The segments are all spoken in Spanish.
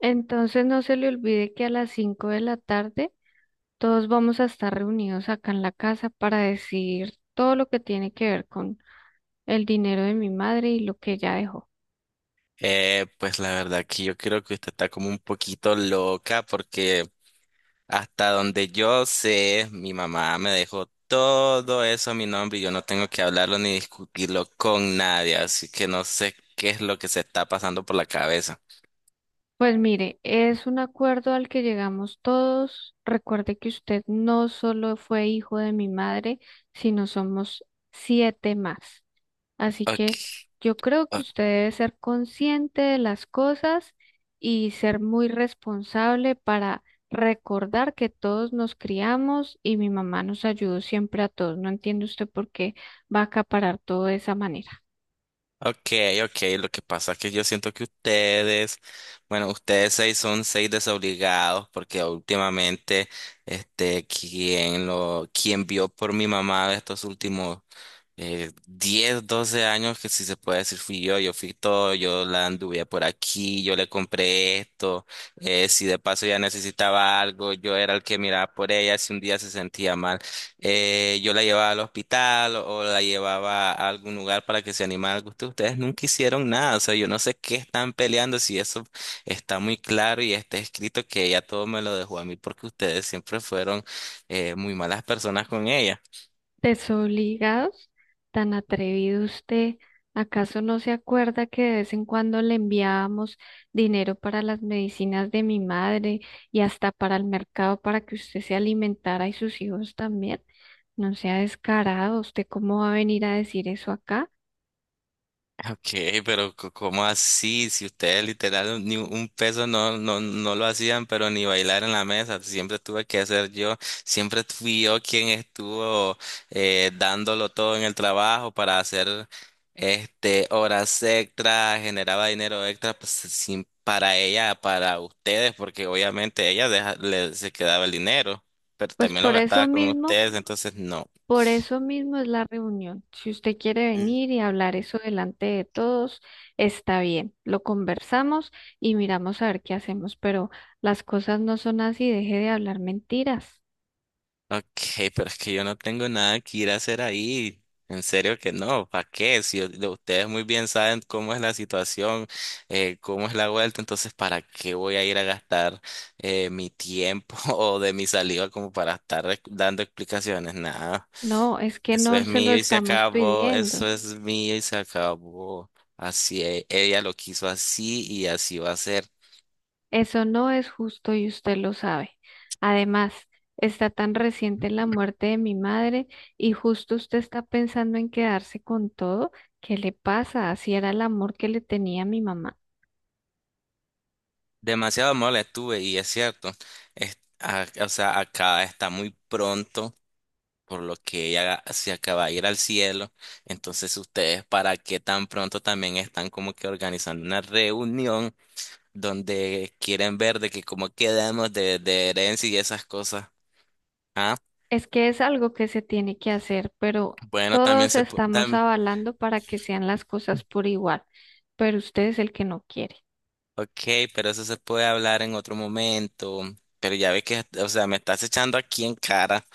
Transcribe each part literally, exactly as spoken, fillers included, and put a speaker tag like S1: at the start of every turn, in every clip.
S1: Entonces no se le olvide que a las cinco de la tarde todos vamos a estar reunidos acá en la casa para decir todo lo que tiene que ver con el dinero de mi madre y lo que ella dejó.
S2: Eh, pues la verdad que yo creo que usted está como un poquito loca porque hasta donde yo sé, mi mamá me dejó todo eso a mi nombre y yo no tengo que hablarlo ni discutirlo con nadie, así que no sé qué es lo que se está pasando por la cabeza.
S1: Pues mire, es un acuerdo al que llegamos todos. Recuerde que usted no solo fue hijo de mi madre, sino somos siete más. Así que
S2: Ok,
S1: yo creo que usted debe ser consciente de las cosas y ser muy responsable para recordar que todos nos criamos y mi mamá nos ayudó siempre a todos. No entiende usted por qué va a acaparar todo de esa manera.
S2: ok, ok, lo que pasa es que yo siento que ustedes, bueno, ustedes seis son seis desobligados porque últimamente, este, quien lo, quien vio por mi mamá de estos últimos eh, diez, doce años, que si se puede decir fui yo, yo fui todo, yo la anduve por aquí, yo le compré esto, eh, si de paso ya necesitaba algo, yo era el que miraba por ella, si un día se sentía mal. Eh, yo la llevaba al hospital o la llevaba a algún lugar para que se animara al gusto. Ustedes nunca hicieron nada, o sea, yo no sé qué están peleando, si eso está muy claro y está escrito que ella todo me lo dejó a mí porque ustedes siempre fueron eh, muy malas personas con ella.
S1: Desobligados, tan atrevido usted. ¿Acaso no se acuerda que de vez en cuando le enviábamos dinero para las medicinas de mi madre y hasta para el mercado para que usted se alimentara y sus hijos también? No sea descarado, ¿usted cómo va a venir a decir eso acá?
S2: Ok, pero co- ¿cómo así? Si ustedes literal ni un peso no, no, no lo hacían, pero ni bailar en la mesa, siempre tuve que hacer yo, siempre fui yo quien estuvo eh, dándolo todo en el trabajo para hacer este horas extra, generaba dinero extra pues, sin, para ella, para ustedes, porque obviamente ella deja- le, se quedaba el dinero, pero
S1: Pues
S2: también lo
S1: por
S2: gastaba
S1: eso
S2: con
S1: mismo,
S2: ustedes, entonces no.
S1: por eso mismo es la reunión. Si usted quiere venir y hablar eso delante de todos, está bien. Lo conversamos y miramos a ver qué hacemos, pero las cosas no son así, deje de hablar mentiras.
S2: Ok, pero es que yo no tengo nada que ir a hacer ahí. En serio que no, ¿para qué? Si u- lo- ustedes muy bien saben cómo es la situación, eh, cómo es la vuelta, entonces ¿para qué voy a ir a gastar eh, mi tiempo o de mi saliva como para estar rec- dando explicaciones? Nada,
S1: No, es que
S2: eso
S1: no
S2: es
S1: se lo
S2: mío y se
S1: estamos
S2: acabó, eso
S1: pidiendo.
S2: es mío y se acabó. Así e- ella lo quiso así y así va a ser.
S1: Eso no es justo y usted lo sabe. Además, está tan reciente la muerte de mi madre y justo usted está pensando en quedarse con todo. ¿Qué le pasa? Así era el amor que le tenía a mi mamá.
S2: Demasiado mole tuve y es cierto, es- a- o sea, acá está muy pronto, por lo que ella se acaba de ir al cielo. Entonces, ustedes, ¿para qué tan pronto también están como que organizando una reunión donde quieren ver de que cómo quedamos de, de herencia y esas cosas? Ah,
S1: Es que es algo que se tiene que hacer, pero
S2: bueno, también
S1: todos
S2: se puede.
S1: estamos avalando para que sean las cosas por igual, pero usted es el que no quiere.
S2: Ok, pero eso se puede hablar en otro momento. Pero ya ves que, o sea, me estás echando aquí en cara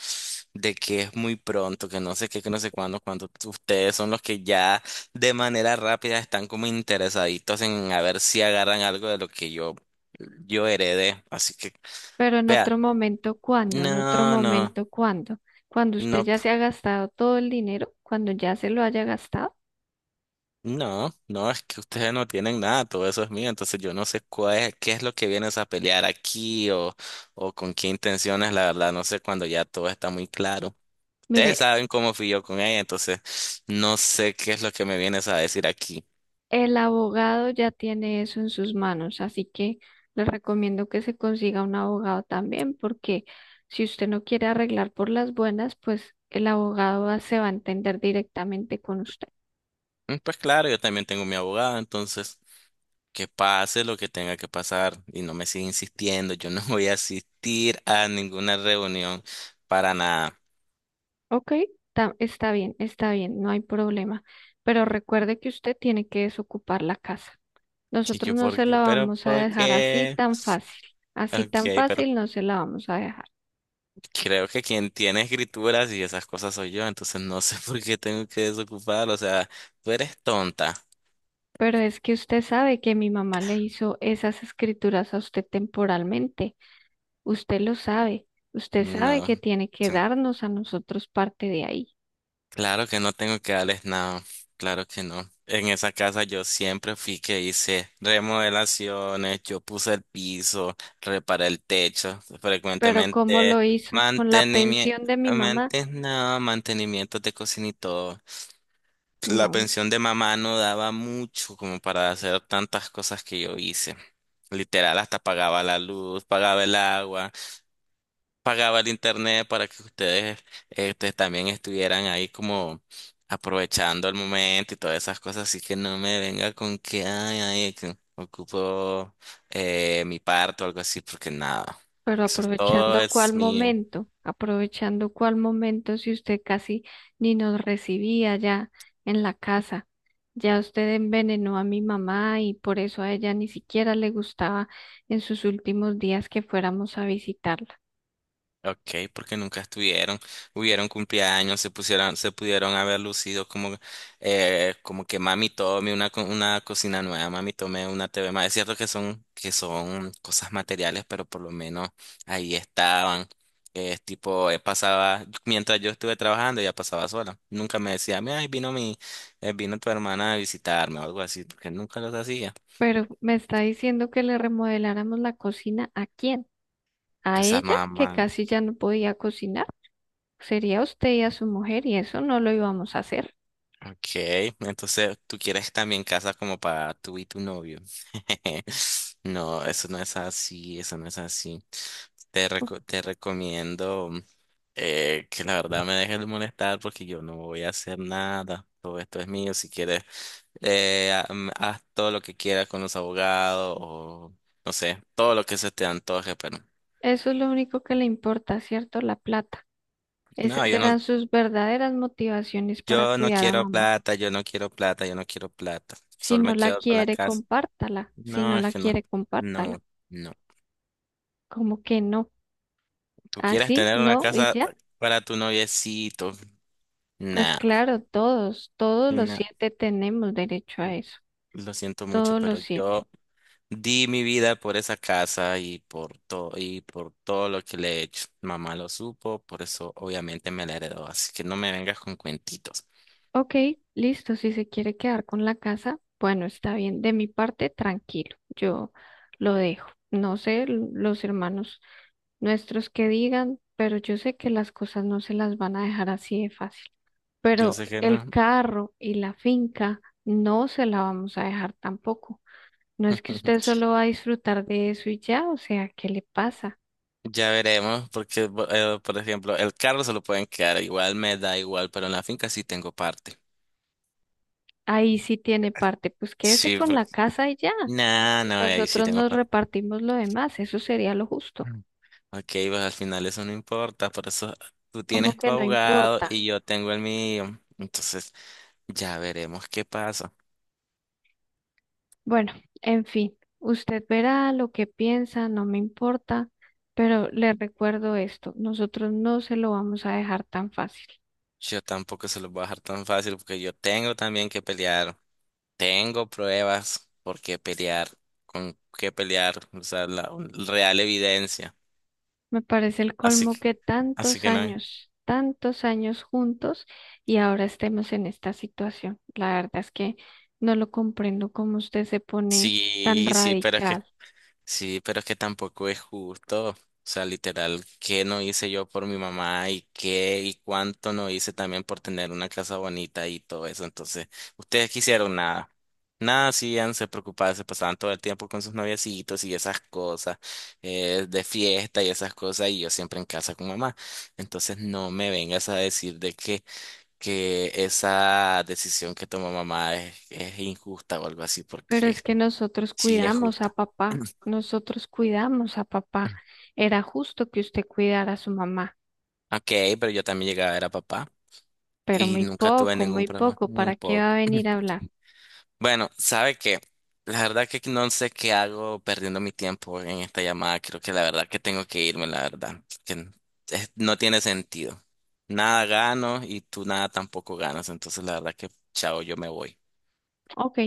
S2: de que es muy pronto, que no sé qué, que no sé cuándo, cuando ustedes son los que ya de manera rápida están como interesaditos en a ver si agarran algo de lo que yo, yo heredé. Así que,
S1: Pero en
S2: vea,
S1: otro momento, ¿cuándo? En otro
S2: no, no,
S1: momento, ¿cuándo? Cuando usted
S2: no.
S1: ya se ha gastado todo el dinero, cuando ya se lo haya gastado.
S2: No, no, es que ustedes no tienen nada, todo eso es mío, entonces yo no sé cuál es, qué es lo que vienes a pelear aquí o, o con qué intenciones, la verdad, no sé cuando ya todo está muy claro.
S1: Mire,
S2: Ustedes saben cómo fui yo con ella, entonces no sé qué es lo que me vienes a decir aquí.
S1: el abogado ya tiene eso en sus manos, así que le recomiendo que se consiga un abogado también, porque si usted no quiere arreglar por las buenas, pues el abogado va- se va a entender directamente con usted.
S2: Mm, Pues claro, yo también tengo mi abogado, entonces que pase lo que tenga que pasar y no me siga insistiendo, yo no voy a asistir a ninguna reunión para nada.
S1: Ok, ta- está bien, está bien, no hay problema. Pero recuerde que usted tiene que desocupar la casa.
S2: Y
S1: Nosotros
S2: yo,
S1: no
S2: ¿por
S1: se
S2: qué?
S1: la
S2: ¿Pero
S1: vamos a
S2: por
S1: dejar así
S2: qué?
S1: tan fácil. Así
S2: Ok,
S1: tan
S2: pero
S1: fácil no se la vamos a dejar.
S2: creo que quien tiene escrituras y esas cosas soy yo, entonces no sé por qué tengo que desocupar, o sea, tú eres tonta.
S1: Pero es que usted sabe que mi mamá le hizo esas escrituras a usted temporalmente. Usted lo sabe. Usted
S2: No,
S1: sabe que tiene que
S2: sí,
S1: darnos a nosotros parte de ahí.
S2: claro que no tengo que darles nada, claro que no. En esa casa yo siempre fui que hice remodelaciones, yo puse el piso, reparé el techo,
S1: Pero ¿cómo
S2: frecuentemente
S1: lo hizo? ¿Con la
S2: mantenimiento,
S1: pensión de mi mamá?
S2: no, mantenimiento de cocina y todo. La
S1: No,
S2: pensión de mamá no daba mucho como para hacer tantas cosas que yo hice. Literal, hasta pagaba la luz, pagaba el agua, pagaba el internet para que ustedes este, también estuvieran ahí como aprovechando el momento y todas esas cosas. Así que no me venga con que, ay, ay, que ocupo eh, mi parto o algo así, porque nada,
S1: pero
S2: eso es todo
S1: aprovechando cuál
S2: es mío.
S1: momento, aprovechando cuál momento si usted casi ni nos recibía ya en la casa. Ya usted envenenó a mi mamá y por eso a ella ni siquiera le gustaba en sus últimos días que fuéramos a visitarla.
S2: Ok, porque nunca estuvieron, hubieron cumpleaños, se pusieron, se pudieron haber lucido como, eh, como que mami tome una, co- una cocina nueva, mami tome una T V más. Es cierto que son, que son cosas materiales, pero por lo menos ahí estaban. Eh, Es tipo, eh, pasaba, mientras yo estuve trabajando, ella pasaba sola. Nunca me decía, mira, ahí vino mi, eh, vino tu hermana a visitarme o algo así, porque nunca los hacía.
S1: Pero me está diciendo que le remodeláramos la cocina, ¿a quién? ¿A
S2: Pues a
S1: ella que
S2: mamá.
S1: casi ya no podía cocinar? Sería usted y a su mujer y eso no lo íbamos a hacer.
S2: Ok, entonces tú quieres también casa como para tú y tu novio. No, eso no es así, eso no es así. Te, reco- te recomiendo eh, que la verdad me dejes de molestar porque yo no voy a hacer nada. Todo esto es mío. Si quieres, eh, ha- mm, haz todo lo que quieras con los abogados o no sé, todo lo que se te antoje, pero
S1: Eso es lo único que le importa, ¿cierto? La plata.
S2: no,
S1: Esas
S2: yo no,
S1: eran sus verdaderas motivaciones para
S2: yo no
S1: cuidar a
S2: quiero
S1: mamá.
S2: plata, yo no quiero plata, yo no quiero plata.
S1: Si
S2: Solo
S1: no
S2: me
S1: la
S2: quedo con la
S1: quiere,
S2: casa.
S1: compártala. Si
S2: No,
S1: no
S2: es
S1: la
S2: que no.
S1: quiere, compártala.
S2: No, no.
S1: ¿Cómo que no?
S2: ¿Tú quieres
S1: ¿Así?
S2: tener una
S1: ¿No? ¿Y
S2: casa
S1: ya?
S2: para tu noviecito?
S1: Pues
S2: Nah,
S1: claro, todos, todos los
S2: nah.
S1: siete tenemos derecho a eso.
S2: Lo siento mucho,
S1: Todos los
S2: pero
S1: siete.
S2: yo di mi vida por esa casa y por todo y por todo lo que le he hecho. Mamá lo supo, por eso obviamente me la heredó. Así que no me vengas con cuentitos.
S1: Ok, listo. Si se quiere quedar con la casa, bueno, está bien. De mi parte, tranquilo. Yo lo dejo. No sé l- los hermanos nuestros que digan, pero yo sé que las cosas no se las van a dejar así de fácil.
S2: Yo
S1: Pero
S2: sé que no.
S1: el carro y la finca no se la vamos a dejar tampoco. No es que usted solo va a disfrutar de eso y ya, o sea, ¿qué le pasa?
S2: Ya veremos, porque bo- eh, por ejemplo, el carro se lo pueden quedar igual, me da igual, pero en la finca sí tengo parte.
S1: Ahí sí tiene parte, pues quédese
S2: Sí,
S1: con la
S2: porque...
S1: casa y ya.
S2: Nah,
S1: Y
S2: no, ahí sí
S1: nosotros
S2: tengo
S1: nos
S2: parte.
S1: repartimos lo demás, eso sería lo justo.
S2: Ok, pues al final eso no importa, por eso tú
S1: Como
S2: tienes tu
S1: que no
S2: abogado
S1: importa.
S2: y yo tengo el mío. Entonces ya veremos qué pasa.
S1: Bueno, en fin, usted verá lo que piensa, no me importa, pero le recuerdo esto, nosotros no se lo vamos a dejar tan fácil.
S2: Yo tampoco se los voy a dejar tan fácil porque yo tengo también que pelear. Tengo pruebas por qué pelear, con qué pelear, o sea, la un- real evidencia.
S1: Me parece el
S2: Así
S1: colmo
S2: que,
S1: que
S2: así
S1: tantos
S2: que no.
S1: años, tantos años juntos y ahora estemos en esta situación. La verdad es que no lo comprendo cómo usted se pone tan
S2: Sí, sí, pero es que
S1: radical,
S2: sí, pero es que tampoco es justo. O sea, literal, ¿qué no hice yo por mi mamá y qué y cuánto no hice también por tener una casa bonita y todo eso? Entonces, ustedes quisieron nada. Nada, hacían, se preocupaban, se pasaban todo el tiempo con sus noviecitos y esas cosas, eh, de fiesta y esas cosas, y yo siempre en casa con mamá. Entonces, no me vengas a decir de que, que esa decisión que tomó mamá es, es injusta o algo así,
S1: pero
S2: porque
S1: es que nosotros
S2: sí es
S1: cuidamos a
S2: justa.
S1: papá, nosotros cuidamos a papá. Era justo que usted cuidara a su mamá,
S2: Ok, pero yo también llegaba a ver a papá
S1: pero
S2: y
S1: muy
S2: nunca tuve
S1: poco,
S2: ningún
S1: muy
S2: problema,
S1: poco,
S2: muy
S1: ¿para qué va
S2: poco.
S1: a venir a hablar?
S2: Bueno, ¿sabe qué? La verdad que no sé qué hago perdiendo mi tiempo en esta llamada. Creo que la verdad que tengo que irme, la verdad. Que n- es- no tiene sentido. Nada gano y tú nada tampoco ganas. Entonces, la verdad que, chao, yo me voy.
S1: Ok,